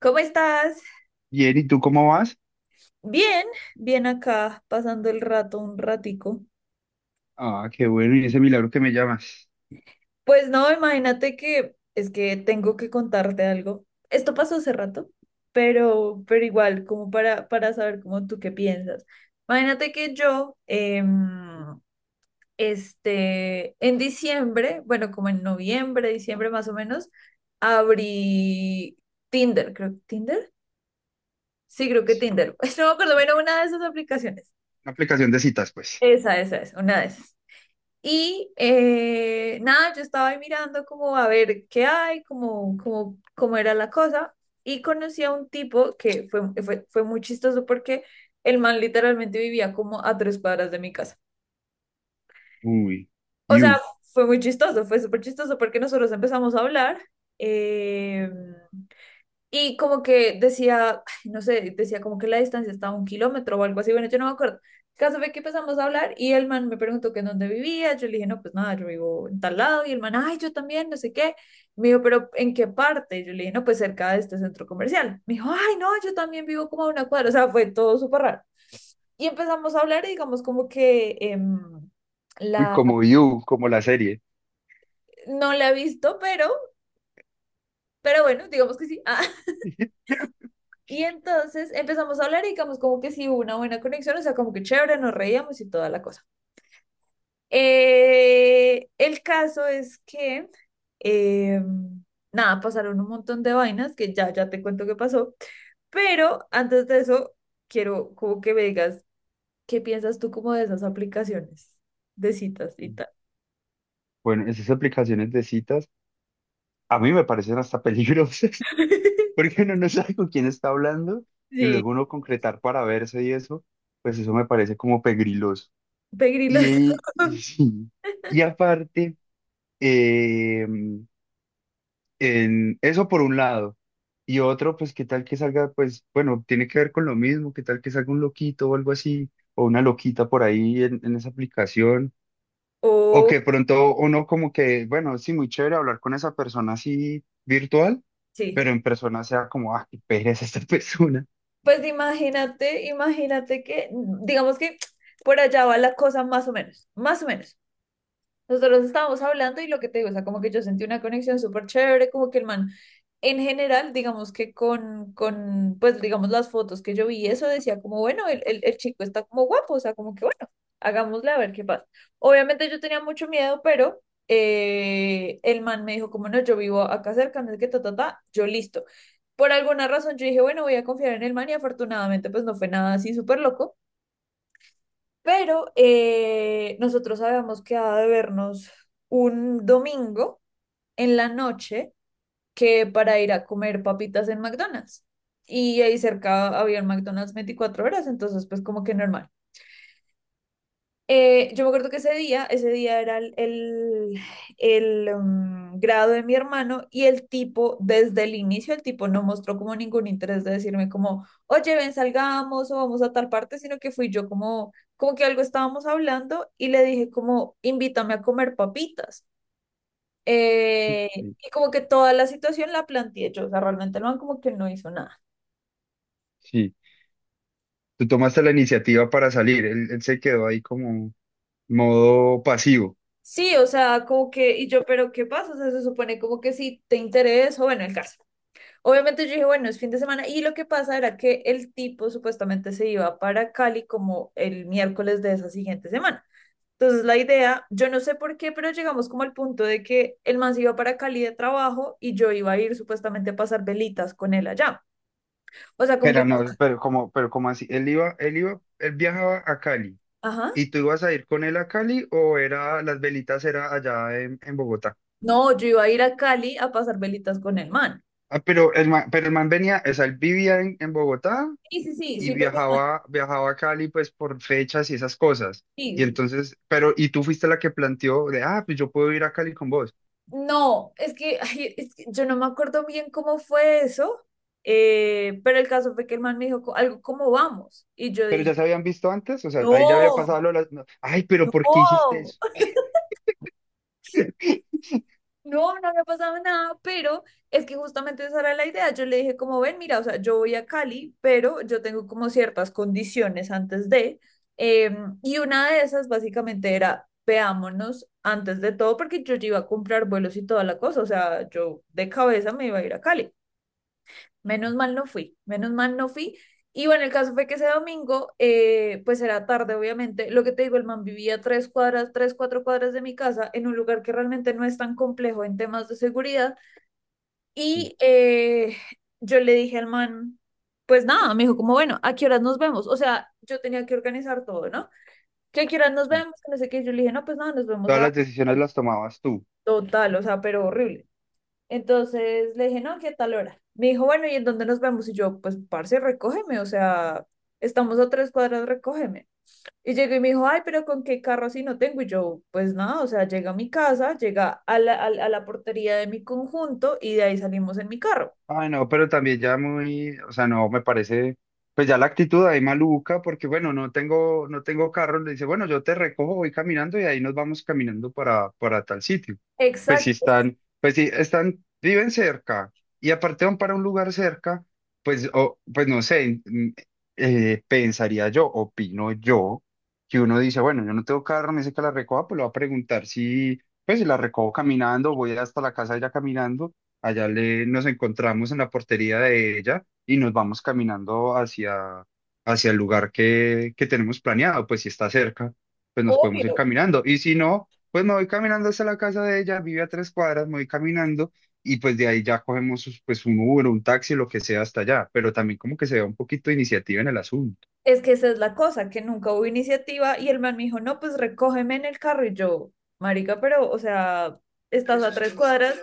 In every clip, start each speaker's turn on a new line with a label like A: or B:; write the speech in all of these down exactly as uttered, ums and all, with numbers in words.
A: ¿Cómo estás?
B: Bien, ¿y tú cómo vas?
A: Bien, bien acá, pasando el rato un ratico.
B: Ah, qué bueno, y ese milagro que me llamas.
A: Pues no, imagínate que es que tengo que contarte algo. Esto pasó hace rato, pero, pero igual, como para, para saber cómo tú qué piensas. Imagínate que yo, em, este, en diciembre, bueno, como en noviembre, diciembre más o menos, abrí Tinder, creo, ¿Tinder? Sí, creo que
B: Sí,
A: Tinder. No me acuerdo, bueno, una de esas aplicaciones.
B: una aplicación de citas, pues.
A: Esa, esa es, una de esas. Y eh, nada, yo estaba ahí mirando como a ver qué hay, como, como, cómo era la cosa. Y conocí a un tipo que fue, fue, fue muy chistoso porque el man literalmente vivía como a tres cuadras de mi casa.
B: Uy,
A: O sea,
B: You.
A: fue muy chistoso, fue súper chistoso porque nosotros empezamos a hablar. em, y como que decía, ay, no sé, decía como que la distancia estaba a un kilómetro o algo así. Bueno, yo no me acuerdo. El caso fue que empezamos a hablar y el man me preguntó que en dónde vivía. Yo le dije, no, pues nada, yo vivo en tal lado. Y el man, ay, yo también, no sé qué. Me dijo, pero ¿en qué parte? Yo le dije, no, pues cerca de este centro comercial. Me dijo, ay, no, yo también vivo como a una cuadra. O sea, fue todo súper raro. Y empezamos a hablar y digamos como que em,
B: Uy,
A: la,
B: como You, como la serie.
A: no la he visto, pero, pero bueno, digamos que sí. Ah, y entonces empezamos a hablar y digamos como que sí hubo una buena conexión, o sea, como que chévere, nos reíamos y toda la cosa. Eh, el caso es que, eh, nada, pasaron un montón de vainas que ya, ya te cuento qué pasó, pero antes de eso, quiero como que me digas, ¿qué piensas tú como de esas aplicaciones de citas y tal?
B: Bueno, esas aplicaciones de citas a mí me parecen hasta peligrosas, porque uno no sabe con quién está hablando y
A: Sí,
B: luego uno concretar para verse y eso, pues eso me parece como pegriloso.
A: pegrilos.
B: Y, y, sí. Y aparte, em, en eso por un lado. Y otro, pues, qué tal que salga, pues, bueno, tiene que ver con lo mismo, qué tal que salga un loquito o algo así, o una loquita por ahí en, en esa aplicación. O
A: O,
B: que pronto uno como que, bueno, sí, muy chévere hablar con esa persona así virtual,
A: sí.
B: pero en persona sea como, ah, qué pereza esta persona.
A: Pues imagínate, imagínate que, digamos que por allá va la cosa más o menos, más o menos. Nosotros estábamos hablando y lo que te digo, o sea, como que yo sentí una conexión súper chévere, como que el man, en general, digamos que con, con, pues digamos las fotos que yo vi, eso decía como, bueno, el, el, el chico está como guapo, o sea, como que bueno, hagámosle a ver qué pasa. Obviamente yo tenía mucho miedo, pero eh, el man me dijo como, no, yo vivo acá cerca, no es que ta, ta, ta, yo listo. Por alguna razón yo dije, bueno, voy a confiar en el man y afortunadamente pues no fue nada así súper loco. Pero eh, nosotros habíamos quedado de vernos un domingo en la noche que para ir a comer papitas en McDonald's. Y ahí cerca había un McDonald's veinticuatro horas, entonces pues como que normal. Eh, yo me acuerdo que ese día, ese día era el, el, el, mm, grado de mi hermano y el tipo, desde el inicio, el tipo no mostró como ningún interés de decirme como, oye, ven, salgamos o vamos a tal parte, sino que fui yo como, como que algo estábamos hablando y le dije como, invítame a comer papitas. Eh,
B: Sí.
A: y como que toda la situación la planteé yo, o sea, realmente el man como que no hizo nada.
B: Sí. Tú tomaste la iniciativa para salir, él, él se quedó ahí como modo pasivo.
A: Sí, o sea, como que, y yo, pero ¿qué pasa? O sea, se supone como que si te interesa, bueno, el caso. Obviamente yo dije, bueno, es fin de semana. Y lo que pasa era que el tipo supuestamente se iba para Cali como el miércoles de esa siguiente semana. Entonces la idea, yo no sé por qué, pero llegamos como al punto de que el man se iba para Cali de trabajo y yo iba a ir supuestamente a pasar velitas con él allá. O sea, como que,
B: Pero no, pero como, pero como así, él iba, él iba, él viajaba a Cali.
A: ajá,
B: ¿Y tú ibas a ir con él a Cali o era las velitas era allá en, en Bogotá?
A: no, yo iba a ir a Cali a pasar velitas con el man.
B: Ah, pero el man, pero el man venía, o sea, él vivía en, en Bogotá
A: Sí, sí, sí,
B: y
A: sí, porque
B: viajaba, viajaba a Cali pues por fechas y esas cosas. Y
A: sí,
B: entonces, pero, y tú fuiste la que planteó de, ah, pues yo puedo ir a Cali con vos.
A: no, es que, ay, es que yo no me acuerdo bien cómo fue eso, eh, pero el caso fue que el man me dijo co- algo, ¿cómo vamos? Y yo
B: Pero
A: dije,
B: ya se habían visto antes, o sea, ahí ya había
A: no,
B: pasado lo de las... No, ay, pero ¿por qué hiciste
A: no,
B: eso?
A: no, no me ha pasado nada, pero es que justamente esa era la idea. Yo le dije, como ven, mira, o sea, yo voy a Cali, pero yo tengo como ciertas condiciones antes de, eh, y una de esas básicamente era, veámonos antes de todo, porque yo ya iba a comprar vuelos y toda la cosa, o sea, yo de cabeza me iba a ir a Cali. Menos mal no fui, menos mal no fui. Y bueno, el caso fue que ese domingo, eh, pues era tarde, obviamente. Lo que te digo, el man vivía tres cuadras, tres, cuatro cuadras de mi casa, en un lugar que realmente no es tan complejo en temas de seguridad.
B: Sí,
A: Y eh, yo le dije al man, pues nada, me dijo como, bueno, ¿a qué horas nos vemos? O sea, yo tenía que organizar todo, ¿no? ¿Que ¿a qué horas nos
B: sí.
A: vemos? No sé qué. Yo le dije, no, pues nada, nos vemos
B: Todas
A: a
B: las decisiones las tomabas tú.
A: total, o sea, pero horrible. Entonces le dije, no, ¿qué tal hora? Me dijo, bueno, ¿y en dónde nos vemos? Y yo, pues, parce, recógeme, o sea, estamos a tres cuadras, recógeme. Y llegó y me dijo, ay, pero ¿con qué carro así no tengo? Y yo, pues nada, o sea, llega a mi casa, llega a la, a la a la portería de mi conjunto y de ahí salimos en mi carro.
B: Ay, no, pero también ya muy, o sea, no, me parece, pues ya la actitud ahí maluca, porque bueno, no tengo, no tengo carro, le dice, bueno, yo te recojo, voy caminando y ahí nos vamos caminando para, para tal sitio. Pues si
A: Exacto,
B: están, pues si están, viven cerca y aparte van para un lugar cerca, pues, o, pues no sé, mm, eh, pensaría yo, opino yo, que uno dice, bueno, yo no tengo carro, me dice que la recoja, pues lo va a preguntar si, pues si la recojo caminando, voy hasta la casa de ella caminando. Allá le, nos encontramos en la portería de ella y nos vamos caminando hacia, hacia el lugar que, que tenemos planeado. Pues si está cerca, pues nos podemos ir
A: obvio.
B: caminando. Y si no, pues me voy caminando hasta la casa de ella, vive a tres cuadras, me voy caminando y pues de ahí ya cogemos pues un Uber, un taxi, lo que sea hasta allá. Pero también como que se vea un poquito de iniciativa en el asunto.
A: Es que esa es la cosa, que nunca hubo iniciativa y el man me dijo, no, pues recógeme en el carro y yo, marica, pero, o sea, estás a tres cuadras,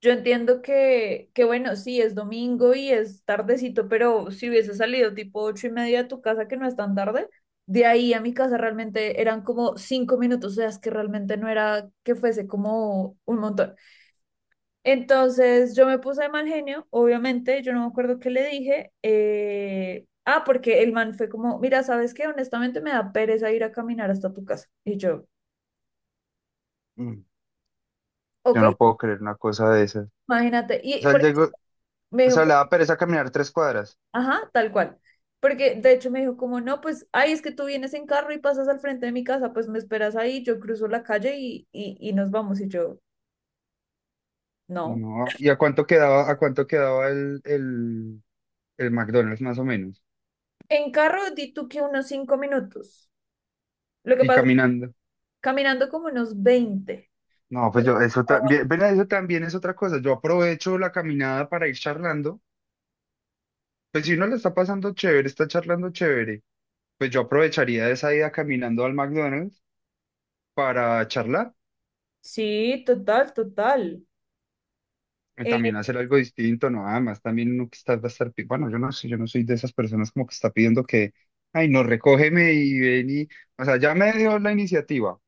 A: yo entiendo que, que, bueno, sí, es domingo y es tardecito, pero si hubiese salido tipo ocho y media de tu casa, que no es tan tarde, de ahí a mi casa realmente eran como cinco minutos, o sea, es que realmente no era que fuese como un montón. Entonces yo me puse de mal genio, obviamente, yo no me acuerdo qué le dije. eh, ah, porque el man fue como, mira, ¿sabes qué? Honestamente me da pereza ir a caminar hasta tu casa. Y yo,
B: Mm.
A: ok,
B: Yo no puedo creer una cosa de esas. O
A: imagínate. Y
B: sea, él
A: porque
B: llegó,
A: me
B: o
A: dijo,
B: sea, le
A: como,
B: daba pereza caminar tres cuadras.
A: ajá, tal cual. Porque de hecho me dijo como, no, pues, ay, es que tú vienes en carro y pasas al frente de mi casa, pues me esperas ahí, yo cruzo la calle y, y, y nos vamos. Y yo, no.
B: No, ¿y a cuánto quedaba, a cuánto quedaba el, el, el McDonald's más o menos,
A: En carro di tú que unos cinco minutos. Lo que
B: y
A: pasa es que
B: caminando?
A: caminando como unos veinte.
B: No, pues yo, eso también, ven, eso también es otra cosa. Yo aprovecho la caminada para ir charlando. Pues si uno le está pasando chévere, está charlando chévere, pues yo aprovecharía esa ida caminando al McDonald's para charlar
A: Sí, total, total.
B: y
A: Eh,
B: también hacer algo distinto, no, además también uno que está, va a estar, pi- bueno, yo no sé, yo no soy de esas personas como que está pidiendo que, ay, no, recógeme y ven y, o sea, ya me dio la iniciativa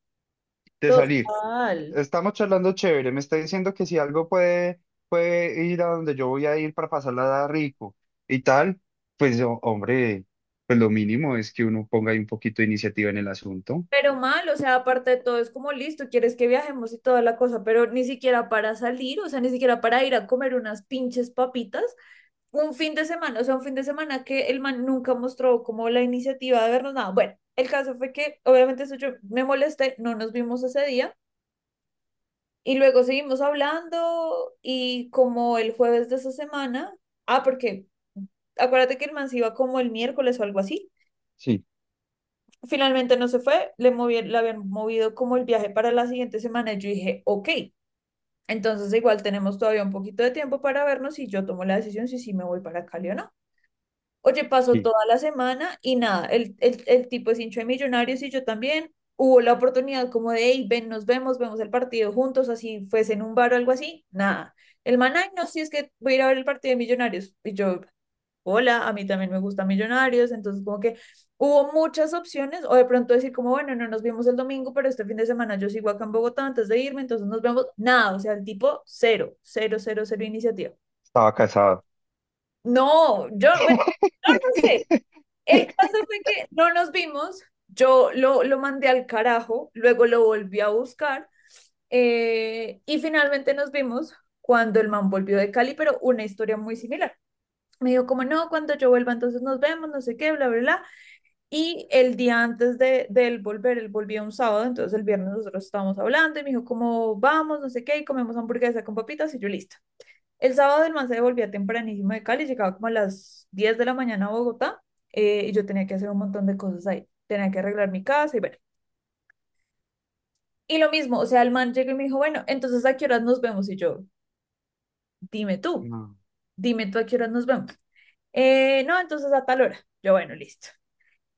B: de salir.
A: Total.
B: Estamos charlando chévere, me está diciendo que si algo puede, puede ir a donde yo voy a ir para pasarla rico y tal, pues ho- hombre, pues lo mínimo es que uno ponga ahí un poquito de iniciativa en el asunto.
A: Pero mal, o sea, aparte de todo, es como listo, quieres que viajemos y toda la cosa, pero ni siquiera para salir, o sea, ni siquiera para ir a comer unas pinches papitas, un fin de semana, o sea, un fin de semana que el man nunca mostró como la iniciativa de vernos nada. Bueno, el caso fue que, obviamente, eso yo me molesté, no nos vimos ese día, y luego seguimos hablando, y como el jueves de esa semana, ah, porque acuérdate que el man se iba como el miércoles o algo así.
B: Sí,
A: Finalmente no se fue, le, movi- le habían movido como el viaje para la siguiente semana y yo dije, ok, entonces igual tenemos todavía un poquito de tiempo para vernos y yo tomo la decisión si sí me voy para Cali o no. Oye, pasó
B: sí,
A: toda la semana y nada, el, el, el tipo es hincha de Millonarios y yo también. Hubo la oportunidad como de, hey, ven, nos vemos, vemos el partido juntos, así fuese en un bar o algo así. Nada. El man, "Ay, no, sí es que voy a ir a ver el partido de Millonarios. Y yo, hola, a mí también me gusta Millonarios, entonces como que hubo muchas opciones, o de pronto decir como, bueno, no nos vimos el domingo, pero este fin de semana yo sigo acá en Bogotá antes de irme, entonces nos vemos, nada, o sea, el tipo cero, cero, cero, cero iniciativa.
B: estaba casado.
A: No, yo, bueno, no sé, el caso fue que no nos vimos, yo lo, lo mandé al carajo, luego lo volví a buscar, eh, y finalmente nos vimos cuando el man volvió de Cali, pero una historia muy similar. Me dijo como, no, cuando yo vuelva entonces nos vemos, no sé qué, bla, bla, bla. Y el día antes de, de él volver, él volvía un sábado, entonces el viernes nosotros estábamos hablando y me dijo como vamos, no sé qué, y comemos hamburguesa con papitas y yo listo. El sábado el man se devolvía tempranísimo de Cali, llegaba como a las diez de la mañana a Bogotá, eh, y yo tenía que hacer un montón de cosas ahí, tenía que arreglar mi casa y bueno. Y lo mismo, o sea, el man llegó y me dijo, bueno, entonces a qué horas nos vemos y yo, dime tú,
B: No,
A: dime tú a qué horas nos vemos. Eh, no, entonces a tal hora. Yo, bueno, listo.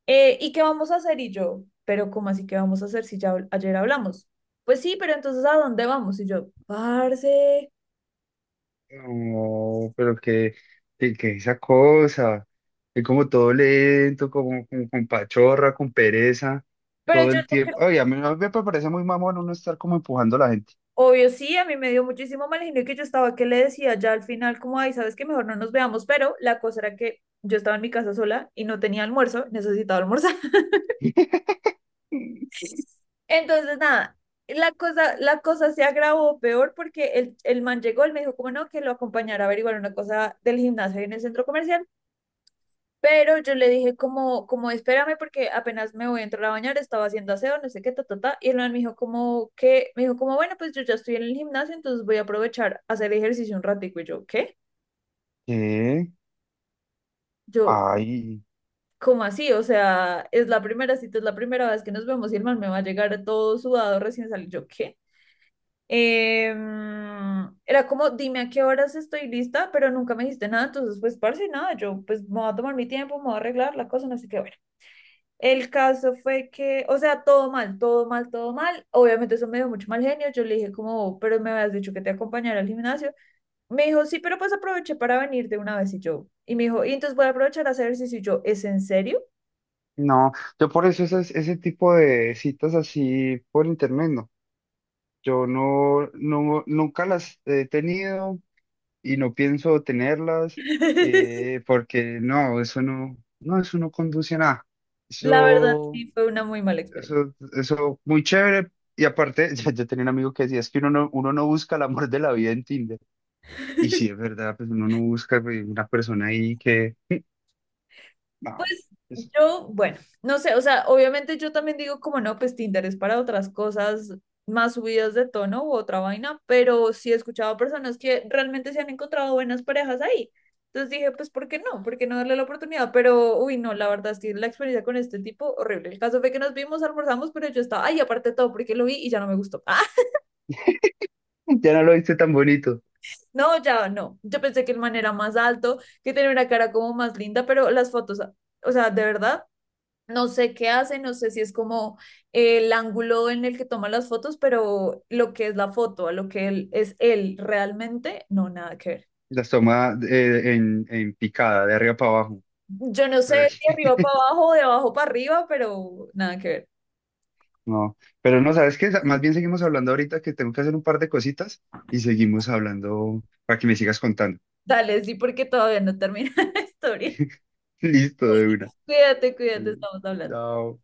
A: Eh, ¿y qué vamos a hacer? Y yo, pero ¿cómo así que vamos a hacer si ya habl- ayer hablamos? Pues sí, pero entonces ¿a dónde vamos? Y yo, parce.
B: no, pero que, que, que esa cosa, que como todo lento, como, como con pachorra, con pereza,
A: Pero
B: todo
A: yo
B: el
A: no creo,
B: tiempo. Ay, a mí, a mí me parece muy mamón uno estar como empujando a la gente.
A: obvio sí, a mí me dio muchísimo mal genio que yo estaba que le decía ya al final como, ay, sabes que mejor no nos veamos, pero la cosa era que yo estaba en mi casa sola y no tenía almuerzo, necesitaba almorzar. Entonces nada, la cosa, la cosa se agravó peor porque el, el man llegó, él me dijo como no, que lo acompañara a averiguar una cosa del gimnasio ahí en el centro comercial. Pero yo le dije como, como espérame porque apenas me voy a entrar a bañar, estaba haciendo aseo, no sé qué, ta, ta, ta. Y el man me dijo como que, me dijo como, bueno, pues yo ya estoy en el gimnasio, entonces voy a aprovechar a hacer ejercicio un ratico. Y yo, ¿qué?
B: ¿Qué?
A: Yo,
B: Ay.
A: ¿cómo así? O sea, es la primera cita, es la primera vez que nos vemos y el man me va a llegar todo sudado recién salido. Yo, ¿qué? Em, era como, dime a qué horas estoy lista, pero nunca me dijiste nada, entonces pues parce, nada, yo pues me voy a tomar mi tiempo, me voy a arreglar la cosa, no sé qué. El caso fue que, o sea, todo mal, todo mal, todo mal. Obviamente eso me dio mucho mal genio. Yo le dije como, pero me habías dicho que te acompañara al gimnasio. Me dijo, sí, pero pues aproveché para venir de una vez y yo. Y me dijo, y entonces voy a aprovechar a hacer ejercicio. Y yo, ¿es en serio?
B: No, yo por eso esas- ese tipo de citas así por internet, no. Yo no, no, nunca las he tenido y no pienso tenerlas, eh, porque no, eso no, no, eso no conduce a nada.
A: La verdad,
B: Eso,
A: sí, fue una muy mala experiencia.
B: eso, eso muy chévere. Y aparte, ya yo tenía un amigo que decía, es que uno no, uno no busca el amor de la vida en Tinder. Y sí, es verdad, pues uno no busca pues, una persona ahí que, no,
A: Pues
B: pues,
A: yo, bueno, no sé, o sea, obviamente yo también digo como no, pues Tinder es para otras cosas más subidas de tono u otra vaina, pero sí he escuchado a personas que realmente se han encontrado buenas parejas ahí. Entonces dije, pues, ¿por qué no? ¿Por qué no darle la oportunidad? Pero, uy, no, la verdad es que la experiencia con este tipo, horrible. El caso fue que nos vimos, almorzamos, pero yo estaba, ay, aparte de todo, porque lo vi y ya no me gustó. Ah,
B: ya no lo viste tan bonito.
A: no, ya no. Yo pensé que el man era más alto, que tenía una cara como más linda, pero las fotos, o sea, de verdad. No sé qué hace, no sé si es como eh, el ángulo en el que toma las fotos, pero lo que es la foto, a lo que él, es él realmente, no, nada que ver.
B: Las toma eh, en, en picada, de arriba para abajo.
A: Yo no sé
B: Pero
A: si arriba
B: que-
A: para abajo o de abajo para arriba, pero nada que ver.
B: no, pero no, ¿sabes qué? Más bien seguimos hablando ahorita que tengo que hacer un par de cositas y seguimos hablando para que me sigas contando.
A: Dale, sí, porque todavía no termina la historia.
B: Listo, de una.
A: Cuídate, cuídate,
B: Dale,
A: estamos hablando.
B: chao.